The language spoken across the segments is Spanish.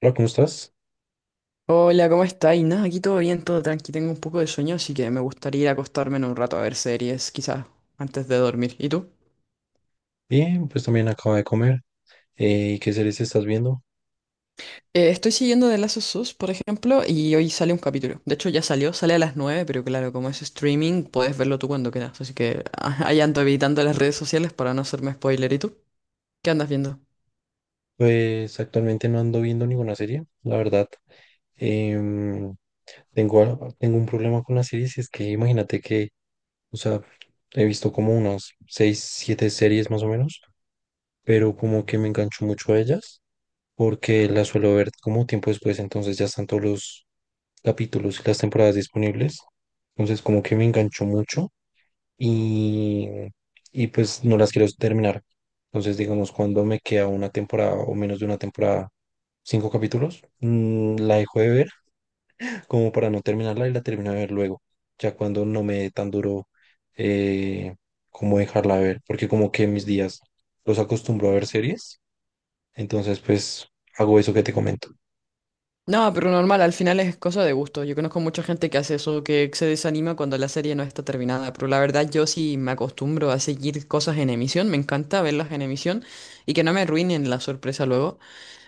Hola, ¿cómo estás? Hola, ¿cómo estáis? Nada, aquí todo bien, todo tranqui. Tengo un poco de sueño, así que me gustaría ir a acostarme en un rato a ver series, quizás antes de dormir. ¿Y tú? Bien, pues también acabo de comer. ¿Y qué series estás viendo? Estoy siguiendo The Last of Us, por ejemplo, y hoy sale un capítulo. De hecho, ya salió, sale a las 9, pero claro, como es streaming, puedes verlo tú cuando quieras. Así que ahí ando evitando las redes sociales para no hacerme spoiler. ¿Y tú? ¿Qué andas viendo? Pues actualmente no ando viendo ninguna serie, la verdad. Em, tengo, tengo un problema con las series, y es que imagínate que, o sea, he visto como unas seis, siete series más o menos, pero como que me engancho mucho a ellas, porque las suelo ver como tiempo después, entonces ya están todos los capítulos y las temporadas disponibles. Entonces como que me engancho mucho y, y pues no las quiero terminar. Entonces, digamos, cuando me queda una temporada o menos de una temporada, cinco capítulos, la dejo de ver como para no terminarla y la termino de ver luego, ya cuando no me dé tan duro eh, como dejarla de ver, porque como que mis días los acostumbro a ver series, entonces pues hago eso que te comento. No, pero normal, al final es cosa de gusto. Yo conozco mucha gente que hace eso, que se desanima cuando la serie no está terminada, pero la verdad yo sí me acostumbro a seguir cosas en emisión, me encanta verlas en emisión y que no me arruinen la sorpresa luego.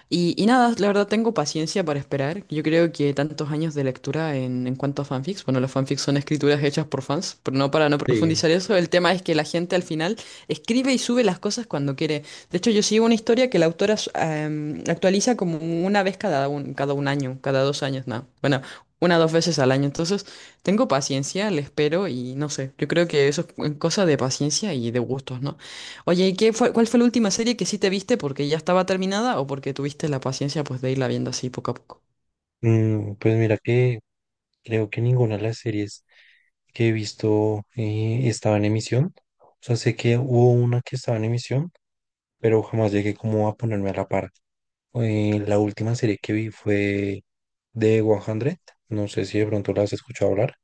Y nada, la verdad tengo paciencia para esperar. Yo creo que tantos años de lectura en cuanto a fanfics, bueno, los fanfics son escrituras hechas por fans, pero no para no Sí. profundizar eso, el tema es que la gente al final escribe y sube las cosas cuando quiere. De hecho, yo sigo una historia que la autora actualiza como una vez cada un año, cada 2 años, no. Bueno, una o dos veces al año. Entonces, tengo paciencia, le espero y no sé, yo creo que eso es cosa de paciencia y de gustos, ¿no? Oye, cuál fue la última serie que sí te viste porque ya estaba terminada o porque tuviste la paciencia pues de irla viendo así poco a poco? Pues mira que creo que ninguna de las series que he visto estaba en emisión. O sea, sé que hubo una que estaba en emisión, pero jamás llegué como a ponerme a la par. La última serie que vi fue de 100. No sé si de pronto la has escuchado hablar.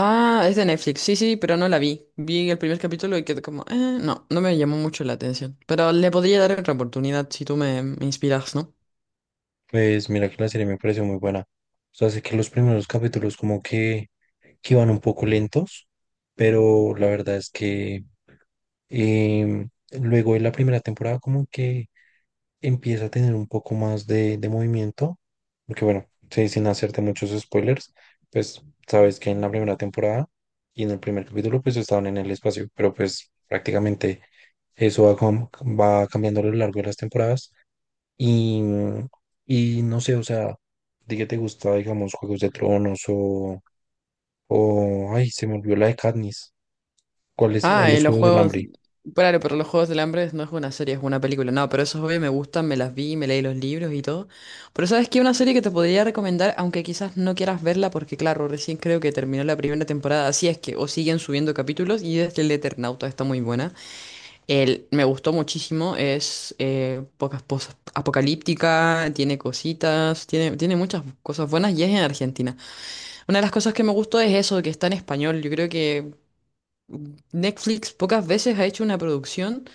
Ah, es de Netflix, sí, sí, pero no la vi. Vi el primer capítulo y quedé como, no, no me llamó mucho la atención. Pero le podría dar otra oportunidad si tú me inspiras, ¿no? Pues mira que la serie me pareció muy buena. O sea, sé que los primeros capítulos como que iban un poco lentos, pero la verdad es que em, luego de la primera temporada como que empieza a tener un poco más de movimiento, porque bueno, sí, sin hacerte muchos spoilers, pues sabes que en la primera temporada y en el primer capítulo pues estaban en el espacio, pero pues prácticamente eso va, va cambiando a lo largo de las temporadas y, y no sé, o sea, ¿de qué te gusta, digamos, Juegos de Tronos ay, se me olvidó la de Katniss? ¿Cuál es? Ah, y Los los Juegos del juegos. Hambre. Claro, pero los Juegos del Hambre no es una serie, es una película. No, pero esos obvio me gustan, me las vi, me leí los libros y todo. Pero sabes que una serie que te podría recomendar, aunque quizás no quieras verla, porque claro, recién creo que terminó la primera temporada, así es que, o siguen subiendo capítulos, y desde el Eternauta está muy buena. Me gustó muchísimo, es pocas cosas apocalíptica, tiene cositas, tiene muchas cosas buenas y es en Argentina. Una de las cosas que me gustó es eso, que está en español. Yo creo que Netflix pocas veces ha hecho una producción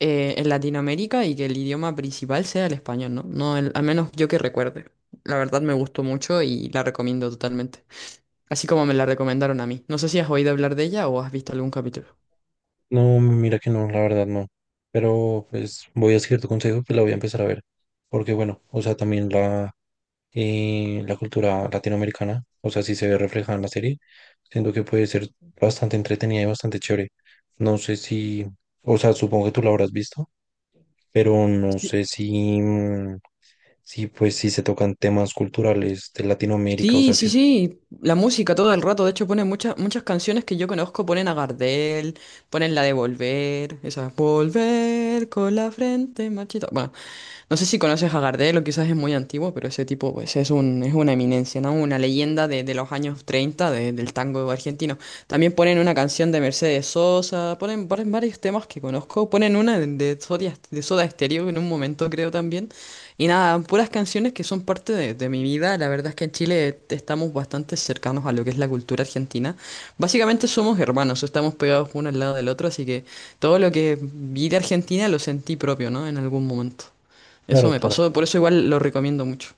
en Latinoamérica y que el idioma principal sea el español, ¿no? No, al menos yo que recuerde. La verdad me gustó mucho y la recomiendo totalmente. Así como me la recomendaron a mí. No sé si has oído hablar de ella o has visto algún capítulo. No, mira que no, la verdad no. Pero pues voy a seguir tu consejo que la voy a empezar a ver. Porque bueno, o sea, también la cultura latinoamericana, o sea, si se ve reflejada en la serie, siento que puede ser bastante entretenida y bastante chévere. No sé si, o sea, supongo que tú la habrás visto, pero no Sí, sé si, si pues si se tocan temas culturales de Latinoamérica, o sí, sea, si sí, es... sí, la música todo el rato. De hecho, ponen muchas, muchas canciones que yo conozco. Ponen a Gardel, ponen la de Volver, esa Volver con la frente marchita. Bueno, no sé si conoces a Gardel o quizás es muy antiguo, pero ese tipo pues es una eminencia, ¿no? Una leyenda de los años 30 del tango argentino. También ponen una canción de Mercedes Sosa, ponen varios temas que conozco, ponen una de Soda Stereo en un momento creo también. Y nada, puras canciones que son parte de mi vida. La verdad es que en Chile estamos bastante cercanos a lo que es la cultura argentina. Básicamente somos hermanos, estamos pegados uno al lado del otro, así que todo lo que vi de Argentina lo sentí propio, ¿no? En algún momento. Eso Claro, me claro. pasó, por eso igual lo recomiendo mucho.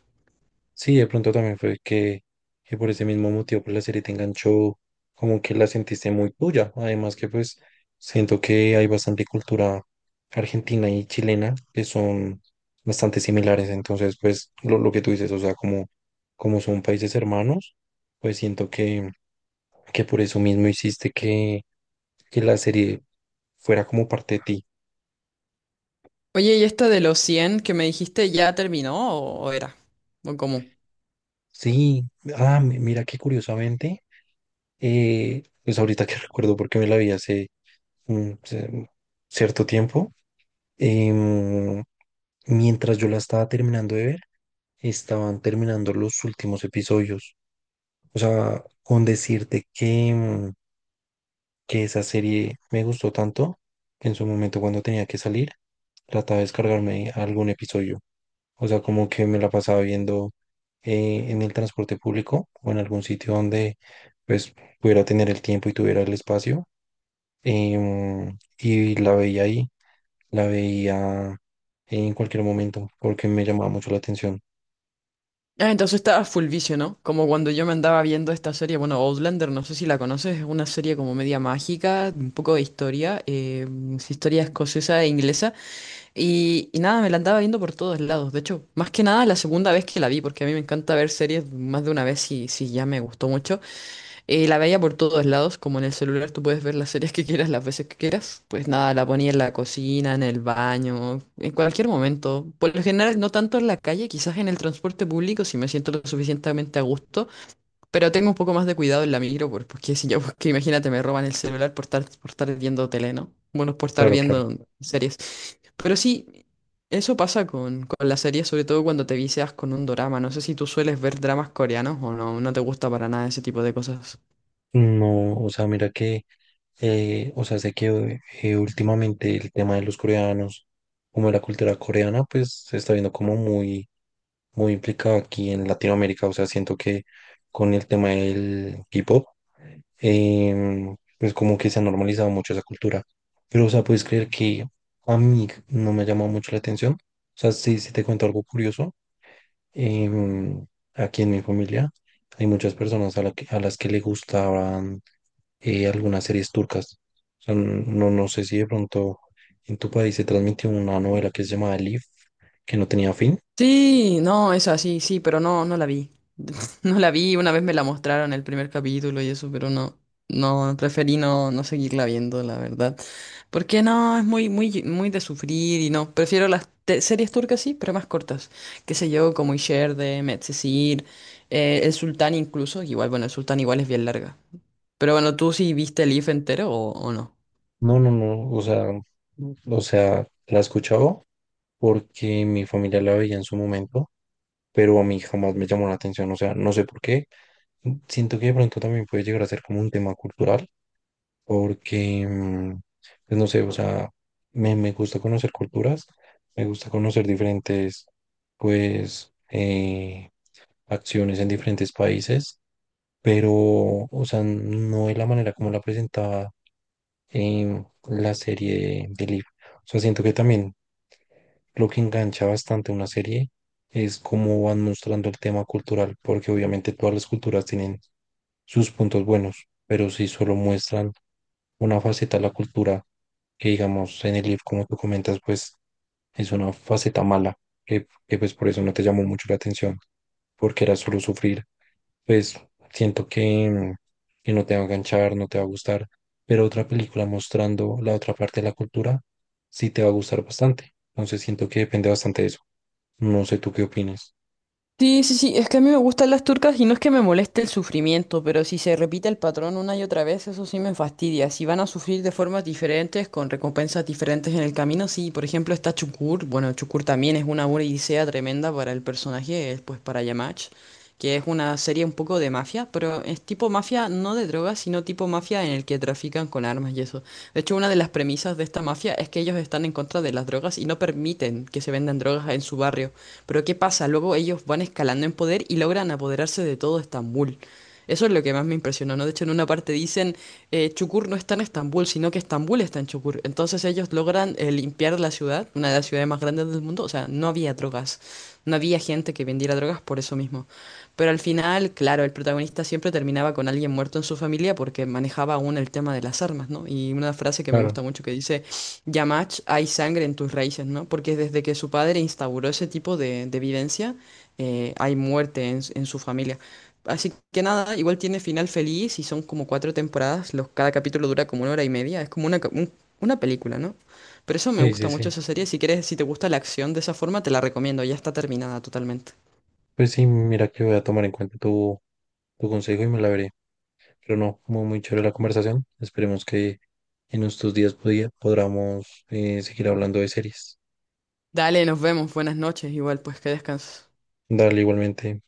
Sí, de pronto también fue que por ese mismo motivo, pues la serie te enganchó, como que la sentiste muy tuya. Además que pues siento que hay bastante cultura argentina y chilena que son bastante similares. Entonces, pues lo que tú dices, o sea, como son países hermanos, pues siento que por eso mismo hiciste que la serie fuera como parte de ti. Oye, ¿y esta de los 100 que me dijiste ya terminó o era? ¿O cómo? Sí, ah, mira que curiosamente, pues ahorita que recuerdo porque me la vi hace mm, ce- cierto tiempo. Em, mientras yo la estaba terminando de ver, estaban terminando los últimos episodios. O sea, con decirte que, que esa serie me gustó tanto, que en su momento cuando tenía que salir, trataba de descargarme algún episodio. O sea, como que me la pasaba viendo en el transporte público o en algún sitio donde pues pudiera tener el tiempo y tuviera el espacio y la veía ahí, la veía en cualquier momento porque me llamaba mucho la atención. Ah, entonces estaba full vicio, ¿no? Como cuando yo me andaba viendo esta serie, bueno, Outlander, no sé si la conoces, es una serie como media mágica, un poco de historia, es historia escocesa e inglesa, y nada, me la andaba viendo por todos lados, de hecho, más que nada la segunda vez que la vi, porque a mí me encanta ver series más de una vez si ya me gustó mucho. La veía por todos lados, como en el celular tú puedes ver las series que quieras, las veces que quieras. Pues nada, la ponía en la cocina, en el baño, en cualquier momento. Por lo general, no tanto en la calle, quizás en el transporte público si me siento lo suficientemente a gusto, pero tengo un poco más de cuidado en la micro, porque si yo, porque imagínate, me roban el celular por estar viendo tele, ¿no? Bueno, por estar Claro, claro. viendo series. Pero sí, eso pasa con las series, sobre todo cuando te vicias con un drama. No sé si tú sueles ver dramas coreanos o no, no te gusta para nada ese tipo de cosas. No, o sea, mira que, o sea, sé que últimamente el tema de los coreanos, como de la cultura coreana, pues se está viendo como muy, muy implicado aquí en Latinoamérica. O sea, siento que con el tema del K-pop, pues como que se ha normalizado mucho esa cultura. Pero, o sea, puedes creer que a mí no me ha llamado mucho la atención. O sea, sí, sí te cuento algo curioso. em, aquí en mi familia hay muchas personas a las que le gustaban algunas series turcas. O sea, no, no sé si de pronto en tu país se transmitió una novela que se llamaba Elif, que no tenía fin. Sí, no, es así, sí, pero no, no la vi. No la vi, una vez me la mostraron el primer capítulo y eso, pero no, no, preferí no seguirla viendo, la verdad. Porque no, es muy, muy, muy de sufrir y no, prefiero las series turcas, sí, pero más cortas. Qué sé yo, como Isherde, Medcezir, El Sultán incluso, igual, bueno, El Sultán igual es bien larga. Pero bueno, ¿tú sí viste el IF entero o no? No, o sea, la escuchaba porque mi familia la veía en su momento pero a mí jamás me llamó la atención, o sea, no sé por qué. Siento que de pronto también puede llegar a ser como un tema cultural, porque, pues no sé, o sea, me gusta conocer culturas, me gusta conocer diferentes, pues, acciones en diferentes países, pero, o sea, no de la manera como la presentaba en la serie de Leaf. O sea, siento que también lo que engancha bastante una serie es cómo van mostrando el tema cultural, porque obviamente todas las culturas tienen sus puntos buenos, pero si solo muestran una faceta de la cultura, que digamos en el libro, como tú comentas, pues es una faceta mala, que pues por eso no te llamó mucho la atención porque era solo sufrir. Pues siento que, que no te va a enganchar, no te va a gustar, pero otra película mostrando la otra parte de la cultura sí te va a gustar bastante. Entonces siento que depende bastante de eso. No sé tú qué opinas. Sí, sí, sí, es que a mí me gustan las turcas y no es que me moleste el sufrimiento, pero si se repite el patrón una y otra vez, eso sí me fastidia. Si van a sufrir de formas diferentes, con recompensas diferentes en el camino, sí, por ejemplo está Chukur, bueno, Chukur también es una odisea tremenda para el personaje, pues para Yamach, que es una serie un poco de mafia, pero es tipo mafia no de drogas, sino tipo mafia en el que trafican con armas y eso. De hecho, una de las premisas de esta mafia es que ellos están en contra de las drogas y no permiten que se vendan drogas en su barrio. Pero ¿qué pasa? Luego ellos van escalando en poder y logran apoderarse de todo Estambul. Eso es lo que más me impresionó, ¿no? De hecho, en una parte dicen, Chukur no está en Estambul, sino que Estambul está en Chukur. Entonces ellos logran limpiar la ciudad, una de las ciudades más grandes del mundo. O sea, no había drogas, no había gente que vendiera drogas por eso mismo. Pero al final, claro, el protagonista siempre terminaba con alguien muerto en su familia porque manejaba aún el tema de las armas, ¿no? Y una frase que me gusta Claro, mucho que dice, Yamach, hay sangre en tus raíces, ¿no? Porque desde que su padre instauró ese tipo de vivencia, hay muerte en su familia. Así que nada, igual tiene final feliz y son como cuatro temporadas, cada capítulo dura como una hora y media, es como una película, ¿no? Pero eso me sí, gusta sí, mucho sí. esa serie, si quieres, si te gusta la acción de esa forma, te la recomiendo, ya está terminada totalmente. Pues sí, mira que voy a tomar en cuenta tu consejo y me la veré. Pero no, muy, muy chévere la conversación. Esperemos que en estos días podamos seguir hablando de series. Dale, nos vemos, buenas noches, igual pues que descanses. Dale igualmente.